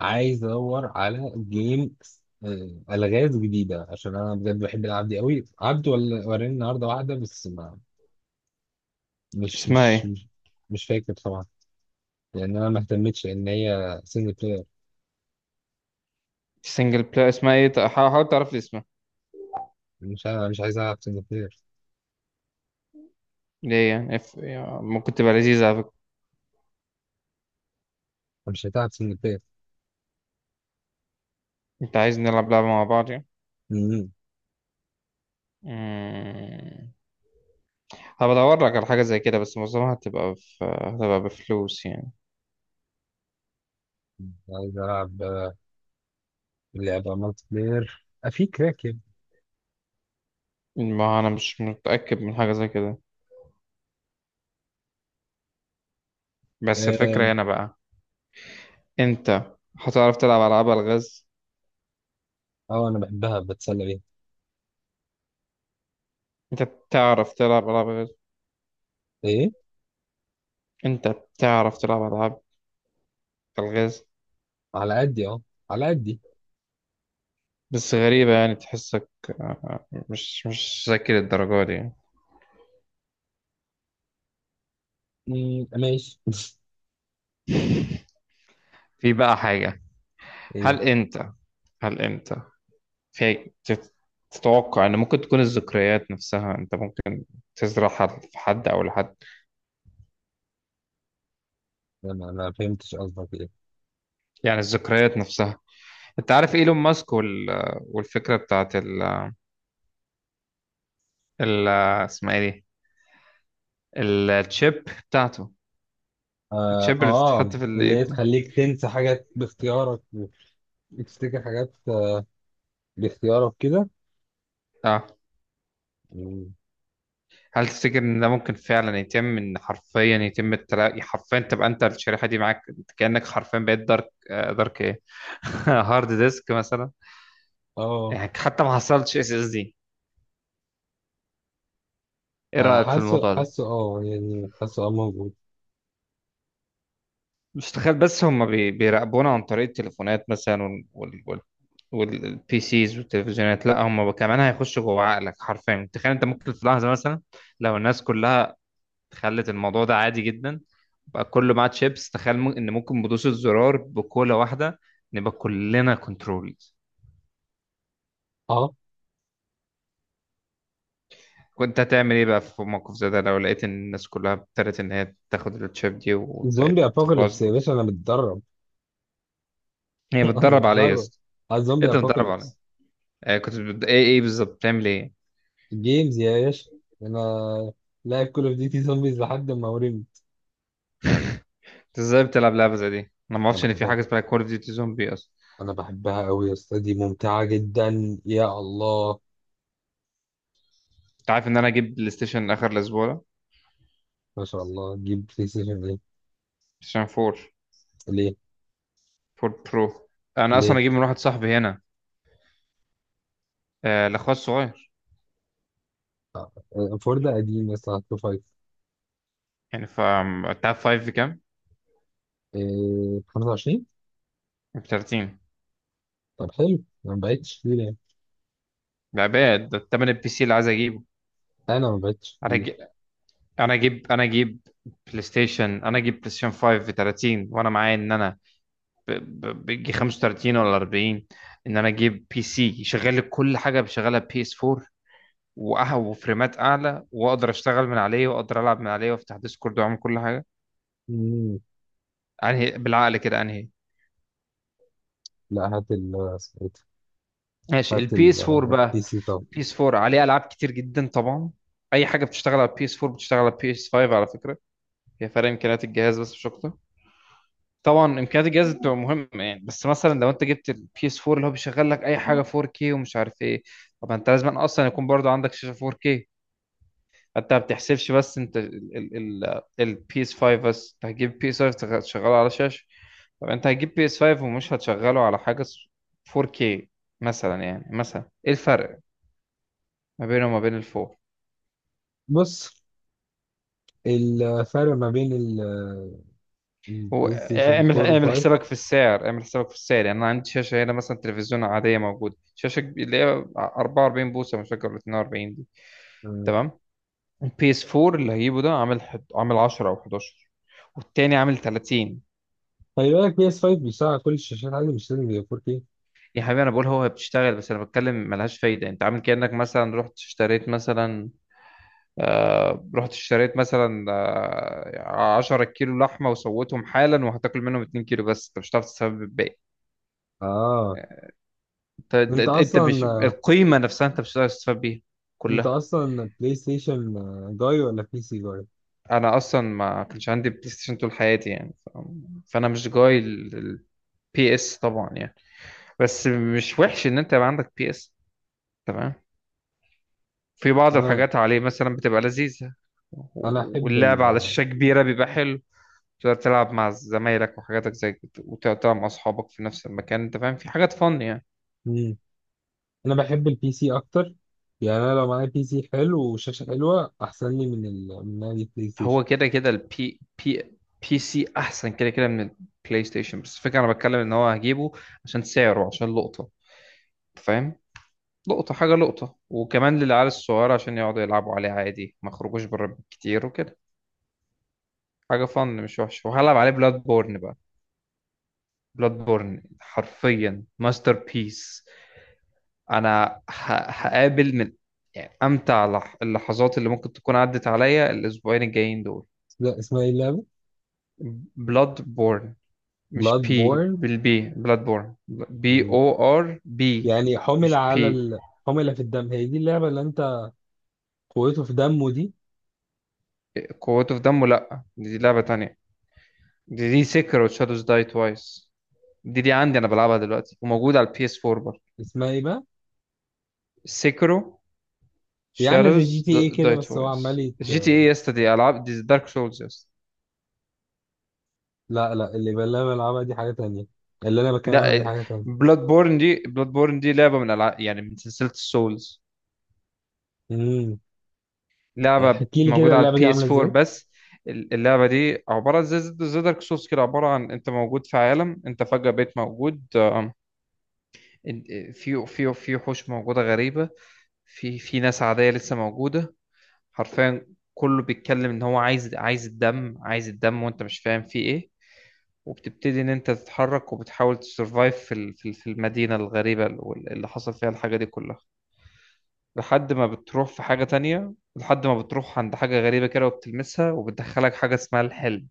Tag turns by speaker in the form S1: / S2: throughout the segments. S1: عايز ادور على جيم. الغاز جديده، عشان انا بجد بحب العب دي قوي. عبد ولا وراني النهارده واحده بس ما مش
S2: اسمها
S1: مش
S2: ايه؟
S1: مش, مش فاكر طبعا. لان انا ما اهتمتش ان هي سنجل بلاير.
S2: السنجل بلاي اسمها ايه؟ حاول تعرف لي اسمها.
S1: مش عايز العب سنجل بلاير.
S2: ليه يعني؟ يعني ممكن تبقى لذيذة على فكرة.
S1: مش هتلعب سنجل بلاير.
S2: انت عايز نلعب لعبة مع بعض يعني؟
S1: مم.
S2: مم. هبدور لك على حاجة زي كده، بس معظمها هتبقى بفلوس يعني.
S1: عايز العب، لعبه مالتي بلاير، في كراك يعني.
S2: ما انا مش متأكد من حاجة زي كده، بس
S1: اه.
S2: الفكرة هنا بقى، انت هتعرف تلعب ألعاب ألغاز؟
S1: انا بحبها بتسلى بيها.
S2: انت بتعرف تلعب ألعاب ألغاز؟
S1: ايه.
S2: انت بتعرف تلعب ألعاب ألغاز؟
S1: على قدي اه، على قدي.
S2: بس غريبة يعني، تحسك مش ذكي للدرجة دي يعني.
S1: مم، ماشي.
S2: في بقى حاجة.
S1: ايه.
S2: هل أنت هل أنت في تت- تتوقع إن ممكن تكون الذكريات نفسها أنت ممكن تزرعها في حد أو لحد؟
S1: انا ما فهمتش قصدك ايه.
S2: يعني الذكريات نفسها، أنت عارف إيلون ماسك وال... والفكرة بتاعت ال... ال... اسمها إيه دي، التشيب بتاعته؟ التشيب اللي
S1: آه،
S2: بتتحط في
S1: اللي
S2: الإيد
S1: هي
S2: دي.
S1: تخليك تنسى حاجات باختيارك وتفتكر حاجات، باختيارك كده.
S2: أه.
S1: مم.
S2: هل تفتكر إن ده ممكن فعلا يتم، إن حرفيا يتم التلاقي حرفيا، تبقى أنت الشريحة دي معاك؟ كأنك حرفيا بقيت دارك دارك إيه، هارد ديسك مثلا.
S1: آه.
S2: يعني حتى ما حصلتش اس اس دي. ايه رأيك في
S1: حاسه
S2: الموضوع ده؟
S1: حاسه، يعني حاسه موجود.
S2: مش تخيل بس هم بيراقبونا عن طريق التليفونات مثلا والبي سيز والتلفزيونات؟ لا، هم كمان هيخشوا جوه عقلك حرفيا. تخيل انت ممكن في لحظة مثلا، لو الناس كلها خلت الموضوع ده عادي جدا، بقى كله معاه تشيبس، تخيل ان ممكن بدوسة زرار، بكولة واحدة، نبقى كلنا كنترول.
S1: آه.
S2: كنت هتعمل ايه بقى في موقف زي ده، لو لقيت ان الناس كلها ابتدت ان هي تاخد التشيب دي
S1: زومبي
S2: وبقت خلاص؟
S1: أبوكاليبس يا باشا، أنا متدرب.
S2: هي
S1: أنا
S2: متدرب عليه.
S1: متدرب على
S2: ايه
S1: زومبي
S2: ده متدرب عليه؟
S1: أبوكاليبس.
S2: آه كنت ايه بالظبط بتعمل ايه؟
S1: جيمز يا باشا، أنا لاعب كول أوف ديوتي زومبيز لحد ما ورمت.
S2: انت ازاي بتلعب لعبه زي دي؟ انا ما
S1: أنا
S2: اعرفش ان في
S1: بحبها،
S2: حاجه اسمها كول اوف ديوتي زومبي اصلا.
S1: أنا بحبها أوي يا أسطى، دي ممتعة جدا. يا الله.
S2: انت عارف ان انا اجيب بلاي ستيشن اخر الاسبوع ده؟ بلاي
S1: ما شاء الله، جيب بلاي ستيشن ليه؟
S2: ستيشن 4،
S1: ليه؟
S2: 4 برو. انا
S1: ليه؟
S2: اصلا اجيب من واحد صاحبي هنا. آه الاخوات الصغير
S1: آه، فور ده قديم يا اسطى، هتشوف فايف.
S2: يعني. انت عارف 5 بكام؟
S1: إيه، 25؟
S2: ب 30.
S1: طب حلو، انا ما بعتش كتير يعني.
S2: لا باد، ده التمن البي سي اللي عايز اجيبه.
S1: انا ما بعتش
S2: انا
S1: كتير.
S2: اجيب انا اجيب انا اجيب بلاي ستيشن انا اجيب بلاي ستيشن 5 ب 30، وانا معايا ان انا ب- بيجي 35 ولا 40، ان انا اجيب بي سي يشغل لي كل حاجه بشغلها بي اس 4، وفريمات اعلى، واقدر اشتغل من عليه، واقدر العب من عليه، وافتح ديسكورد، واعمل كل حاجه.
S1: مم.
S2: انهي بالعقل كده، انهي؟
S1: لا، هات ال اسمه إيه ده؟
S2: ماشي،
S1: هات
S2: البي اس 4
S1: البي
S2: بقى.
S1: سي طب.
S2: البي اس 4 عليه العاب كتير جدا طبعا. اي حاجه بتشتغل على البي اس 4 بتشتغل على البي اس 5 على فكره. هي فرق امكانيات الجهاز بس، مش اكتر. طبعا امكانيات الجهاز بتبقى مهمه يعني، بس مثلا لو انت جبت البي اس 4 اللي هو بيشغل لك اي حاجه 4K ومش عارف ايه، طب انت لازم اصلا يكون برضو عندك شاشه 4K. انت ما بتحسبش بس، انت البي اس 5، بس انت هتجيب بي اس 5 تشغله على شاشه؟ طب انت هتجيب بي اس 5 ومش هتشغله على حاجه 4K مثلا؟ يعني مثلا ايه الفرق ما بينه وما بين ال4؟
S1: بص، الفرق ما بين
S2: هو
S1: البلاي ستيشن
S2: اعمل
S1: 4
S2: اعمل
S1: و5.
S2: حسابك في السعر، اعمل حسابك في السعر. يعني انا عندي شاشه هنا مثلا، تلفزيون عاديه موجوده، شاشه اللي هي 44 بوصه، مش فاكر ولا 42 دي. تمام. البي اس 4 اللي هجيبه ده عامل عامل 10 او 11، والتاني عامل 30.
S1: خلي بالك، بي اس 5 بيشتغل على كل الشاشات عادي، مش لازم يبقى 4K.
S2: يا حبيبي انا بقول هو بتشتغل بس، انا بتكلم ملهاش فايده. انت عامل كانك مثلا رحت اشتريت مثلا، رحت اشتريت مثلا 10 كيلو لحمه وسويتهم حالا، وهتاكل منهم 2 كيلو بس، انت مش هتعرف تستفاد بالباقي.
S1: اه. انت
S2: انت مش
S1: اصلا،
S2: القيمه نفسها، انت مش هتقدر تستفاد بيها
S1: انت
S2: كلها.
S1: اصلا بلاي ستيشن، جاي ولا بي سي جاي؟
S2: انا اصلا ما كانش عندي بلاي ستيشن طول حياتي يعني فانا مش جاي البي اس طبعا يعني، بس مش وحش ان انت يبقى عندك بي اس. تمام. في بعض
S1: انا
S2: الحاجات عليه مثلا بتبقى لذيذه.
S1: انا احب
S2: واللعب
S1: ال،
S2: على شاشه كبيره بيبقى حلو، تقدر تلعب مع زمايلك وحاجاتك زي كده، وتقعد تلعب مع اصحابك في نفس المكان، انت فاهم، في حاجات فن يعني.
S1: انا بحب البي سي اكتر. يعني انا لو معايا بي سي حلو وشاشه حلوه احسن لي من ال... من لعبه بلاي ستيشن.
S2: هو كده كده البي بي بي سي احسن كده كده من البلاي ستيشن، بس الفكره انا بتكلم ان هو هجيبه عشان سعره، عشان لقطه، فاهم، لقطه حاجه لقطه، وكمان للعيال الصغيره عشان يقعدوا يلعبوا عليه عادي، ما يخرجوش بره كتير وكده. حاجه فن مش وحشه. وهلعب عليه بلاد بورن بقى، بلاد بورن حرفيا ماستر بيس. انا هقابل من، يعني، امتع اللحظات اللي ممكن تكون عدت عليا الاسبوعين الجايين دول.
S1: لا، اسمها ايه اللعبه؟
S2: بلاد بورن، مش
S1: بلاد
S2: بي
S1: بورن.
S2: بالبي، بلاد بورن بي او ار بي،
S1: يعني حمل
S2: مش بي.
S1: على ال... حمل في الدم، هي دي اللعبه اللي انت، قوته في دمه دي.
S2: قوته في دمه؟ لا، دي لعبة تانية، دي سيكرو شادوز داي توايس. دي عندي انا بلعبها دلوقتي، وموجودة على البي اس 4 برضه.
S1: اسمها ايه بقى؟
S2: سيكرو
S1: هي عامله زي جي
S2: شادوز
S1: تي ايه كده،
S2: داي
S1: بس هو عمال
S2: توايس.
S1: يت...
S2: جي تي اي يا اسطى؟ دي العاب، دي دارك سولز يا اسطى.
S1: لا اللي بلعبها دي حاجه تانية. اللي انا بتكلم عنها دي
S2: لا،
S1: حاجه تانية.
S2: بلاد بورن دي، بلاد بورن دي لعبة من العاب، يعني من سلسلة السولز.
S1: امم.
S2: لعبة
S1: احكي لي كده
S2: موجودة على
S1: اللعبه دي
S2: البي
S1: عامله
S2: اس
S1: ازاي.
S2: 4 بس. اللعبة دي عبارة زي دارك سولز كده، عبارة عن انت موجود في عالم، انت فجأة بقيت موجود، في وحوش موجودة غريبة، في ناس عادية لسه موجودة حرفيا، كله بيتكلم ان هو عايز، عايز الدم، عايز الدم، وانت مش فاهم فيه ايه. وبتبتدي ان انت تتحرك، وبتحاول تسرفايف في المدينة الغريبة اللي حصل فيها الحاجة دي كلها، لحد ما بتروح في حاجة تانية، لحد ما بتروح عند حاجة غريبة كده وبتلمسها، وبتدخلك حاجة اسمها الحلم.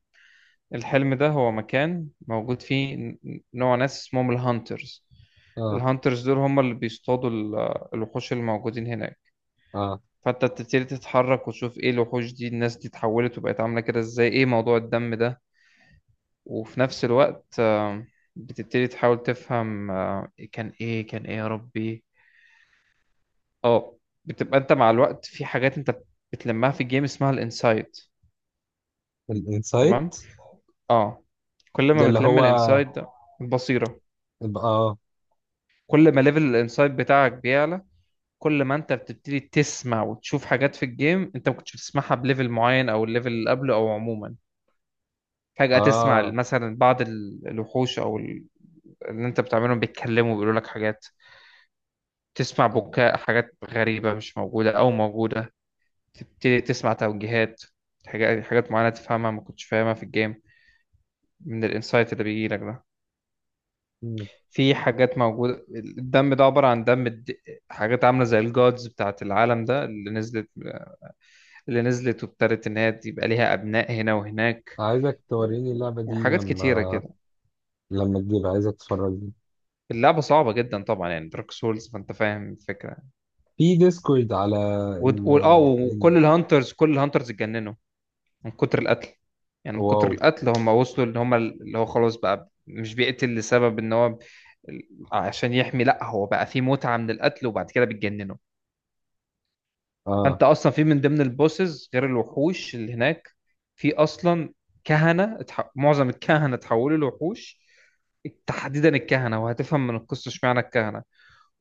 S2: الحلم ده هو مكان موجود فيه نوع ناس اسمهم الهانترز.
S1: اه
S2: الهانترز دول هم اللي بيصطادوا الوحوش اللي موجودين هناك.
S1: اه
S2: فانت بتبتدي تتحرك، وتشوف ايه الوحوش دي، الناس دي اتحولت وبقت عاملة كده ازاي، ايه موضوع الدم ده. وفي نفس الوقت بتبتدي تحاول تفهم كان ايه، كان ايه يا ربي. اه. بتبقى انت مع الوقت في حاجات انت بتلمها في الجيم، اسمها الانسايد. تمام.
S1: الانسايت
S2: اه. كل
S1: ده
S2: ما
S1: اللي
S2: بتلم
S1: هو
S2: الانسايد ده، البصيرة،
S1: يبقى اه.
S2: كل ما ليفل الانسايد بتاعك بيعلى، كل ما انت بتبتدي تسمع وتشوف حاجات في الجيم انت ما كنتش بتسمعها بليفل معين، او الليفل اللي قبله، او عموما فجأة تسمع
S1: اه،
S2: مثلا بعض الوحوش او اللي انت بتعملهم بيتكلموا، بيقولوا لك حاجات، تسمع بكاء، حاجات غريبة مش موجودة او موجودة، تبتدي تسمع توجيهات، حاجات حاجات معينة تفهمها ما كنتش فاهمها في الجيم، من الانسايت اللي بيجي لك ده. في حاجات موجودة، الدم ده عبارة عن حاجات عاملة زي الجودز بتاعت العالم ده اللي نزلت، اللي نزلت وابتدت إن هي يبقى ليها أبناء هنا وهناك،
S1: عايزك توريني
S2: و...
S1: اللعبة دي
S2: وحاجات كتيرة
S1: لما،
S2: كده.
S1: لما تجيب عايزك تتفرج
S2: اللعبة صعبة جدا طبعا يعني، دارك سولز، فأنت فاهم الفكرة.
S1: في ديسكورد على
S2: و...
S1: ال،
S2: و... اه
S1: ال.
S2: وكل الهانترز، كل الهانترز اتجننوا من كتر القتل. يعني من
S1: واو.
S2: كتر القتل هم وصلوا ان هم، اللي هو خلاص بقى مش بيقتل لسبب ان هو عشان يحمي، لا هو بقى فيه متعة من القتل، وبعد كده بيتجننوا.
S1: اه
S2: فانت اصلا في من ضمن البوسز غير الوحوش اللي هناك، في اصلا كهنة معظم الكهنة اتحولوا لوحوش، تحديدا الكهنة، وهتفهم من القصة اشمعنى الكهنة.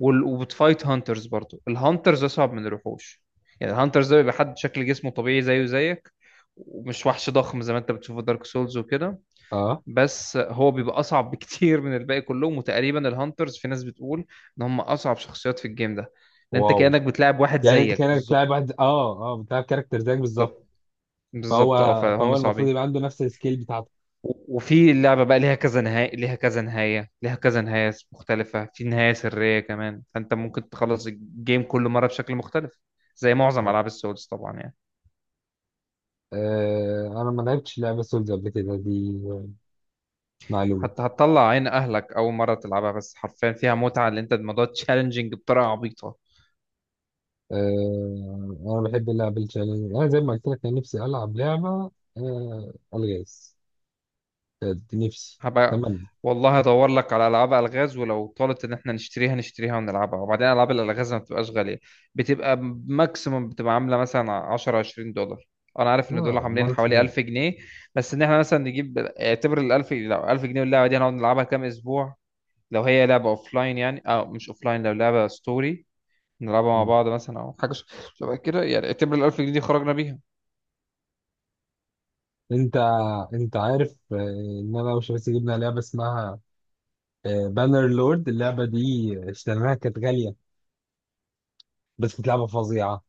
S2: وبتفايت هانترز برضو، الهانترز اصعب من الوحوش. يعني الهانترز ده بيبقى حد شكل جسمه طبيعي زيه زيك، ومش وحش ضخم زي ما انت بتشوفه دارك سولز وكده،
S1: اه
S2: بس هو بيبقى اصعب بكتير من الباقي كلهم. وتقريبا الهانترز، في ناس بتقول ان هم اصعب شخصيات في الجيم ده، لان انت
S1: واو.
S2: كانك بتلعب واحد
S1: يعني انت
S2: زيك
S1: كانك
S2: بالظبط.
S1: بتلعب واحد، اه بتلعب كاركتر زيك بالظبط.
S2: بالظبط، بالظبط. اه،
S1: فهو
S2: فهم
S1: فهو المفروض
S2: صعبين.
S1: يبقى عنده نفس السكيل بتاعتك.
S2: وفي اللعبة بقى، ليها كذا نهاية، ليها كذا نهاية، ليها كذا نهاية مختلفة، في نهاية سرية كمان، فأنت ممكن تخلص الجيم كل مرة بشكل مختلف، زي معظم
S1: آه.
S2: ألعاب السولز طبعا يعني.
S1: آه، انا ما لعبتش لعبة سولز قبل كده، دي معلومة.
S2: حتى هتطلع عين أهلك أول مرة تلعبها، بس حرفيا فيها متعة، اللي أنت الموضوع تشالنجينج بطريقة عبيطة.
S1: آه، انا بحب اللعب التشالنج. انا زي ما قلت لك، انا نفسي العب لعبة، الغاز. كانت نفسي.
S2: هبقى،
S1: تمام.
S2: والله هدور لك على العاب الغاز، ولو طالت ان احنا نشتريها نشتريها ونلعبها، وبعدين العاب الالغاز ما بتبقاش غاليه، بتبقى ماكسيموم بتبقى عامله مثلا 10 20 دولار. انا عارف ان دول
S1: اه،
S2: عاملين
S1: مالتي
S2: حوالي
S1: بلاير.
S2: 1000 جنيه. بس ان احنا مثلا نجيب، اعتبر ال 1000 لو 1000 جنيه واللعبه دي هنقعد نلعبها كام اسبوع؟ لو هي لعبه اوف لاين يعني، اه مش اوف لاين، لو لعبه ستوري، نلعبها مع بعض مثلا او حاجه شبه كده يعني، اعتبر ال 1000 جنيه دي خرجنا بيها.
S1: انت انت عارف، ان انا وشباسي جبنا لعبه اسمها بانر لورد. اللعبه دي اشتريناها كانت غاليه، بس كانت لعبه فظيعه.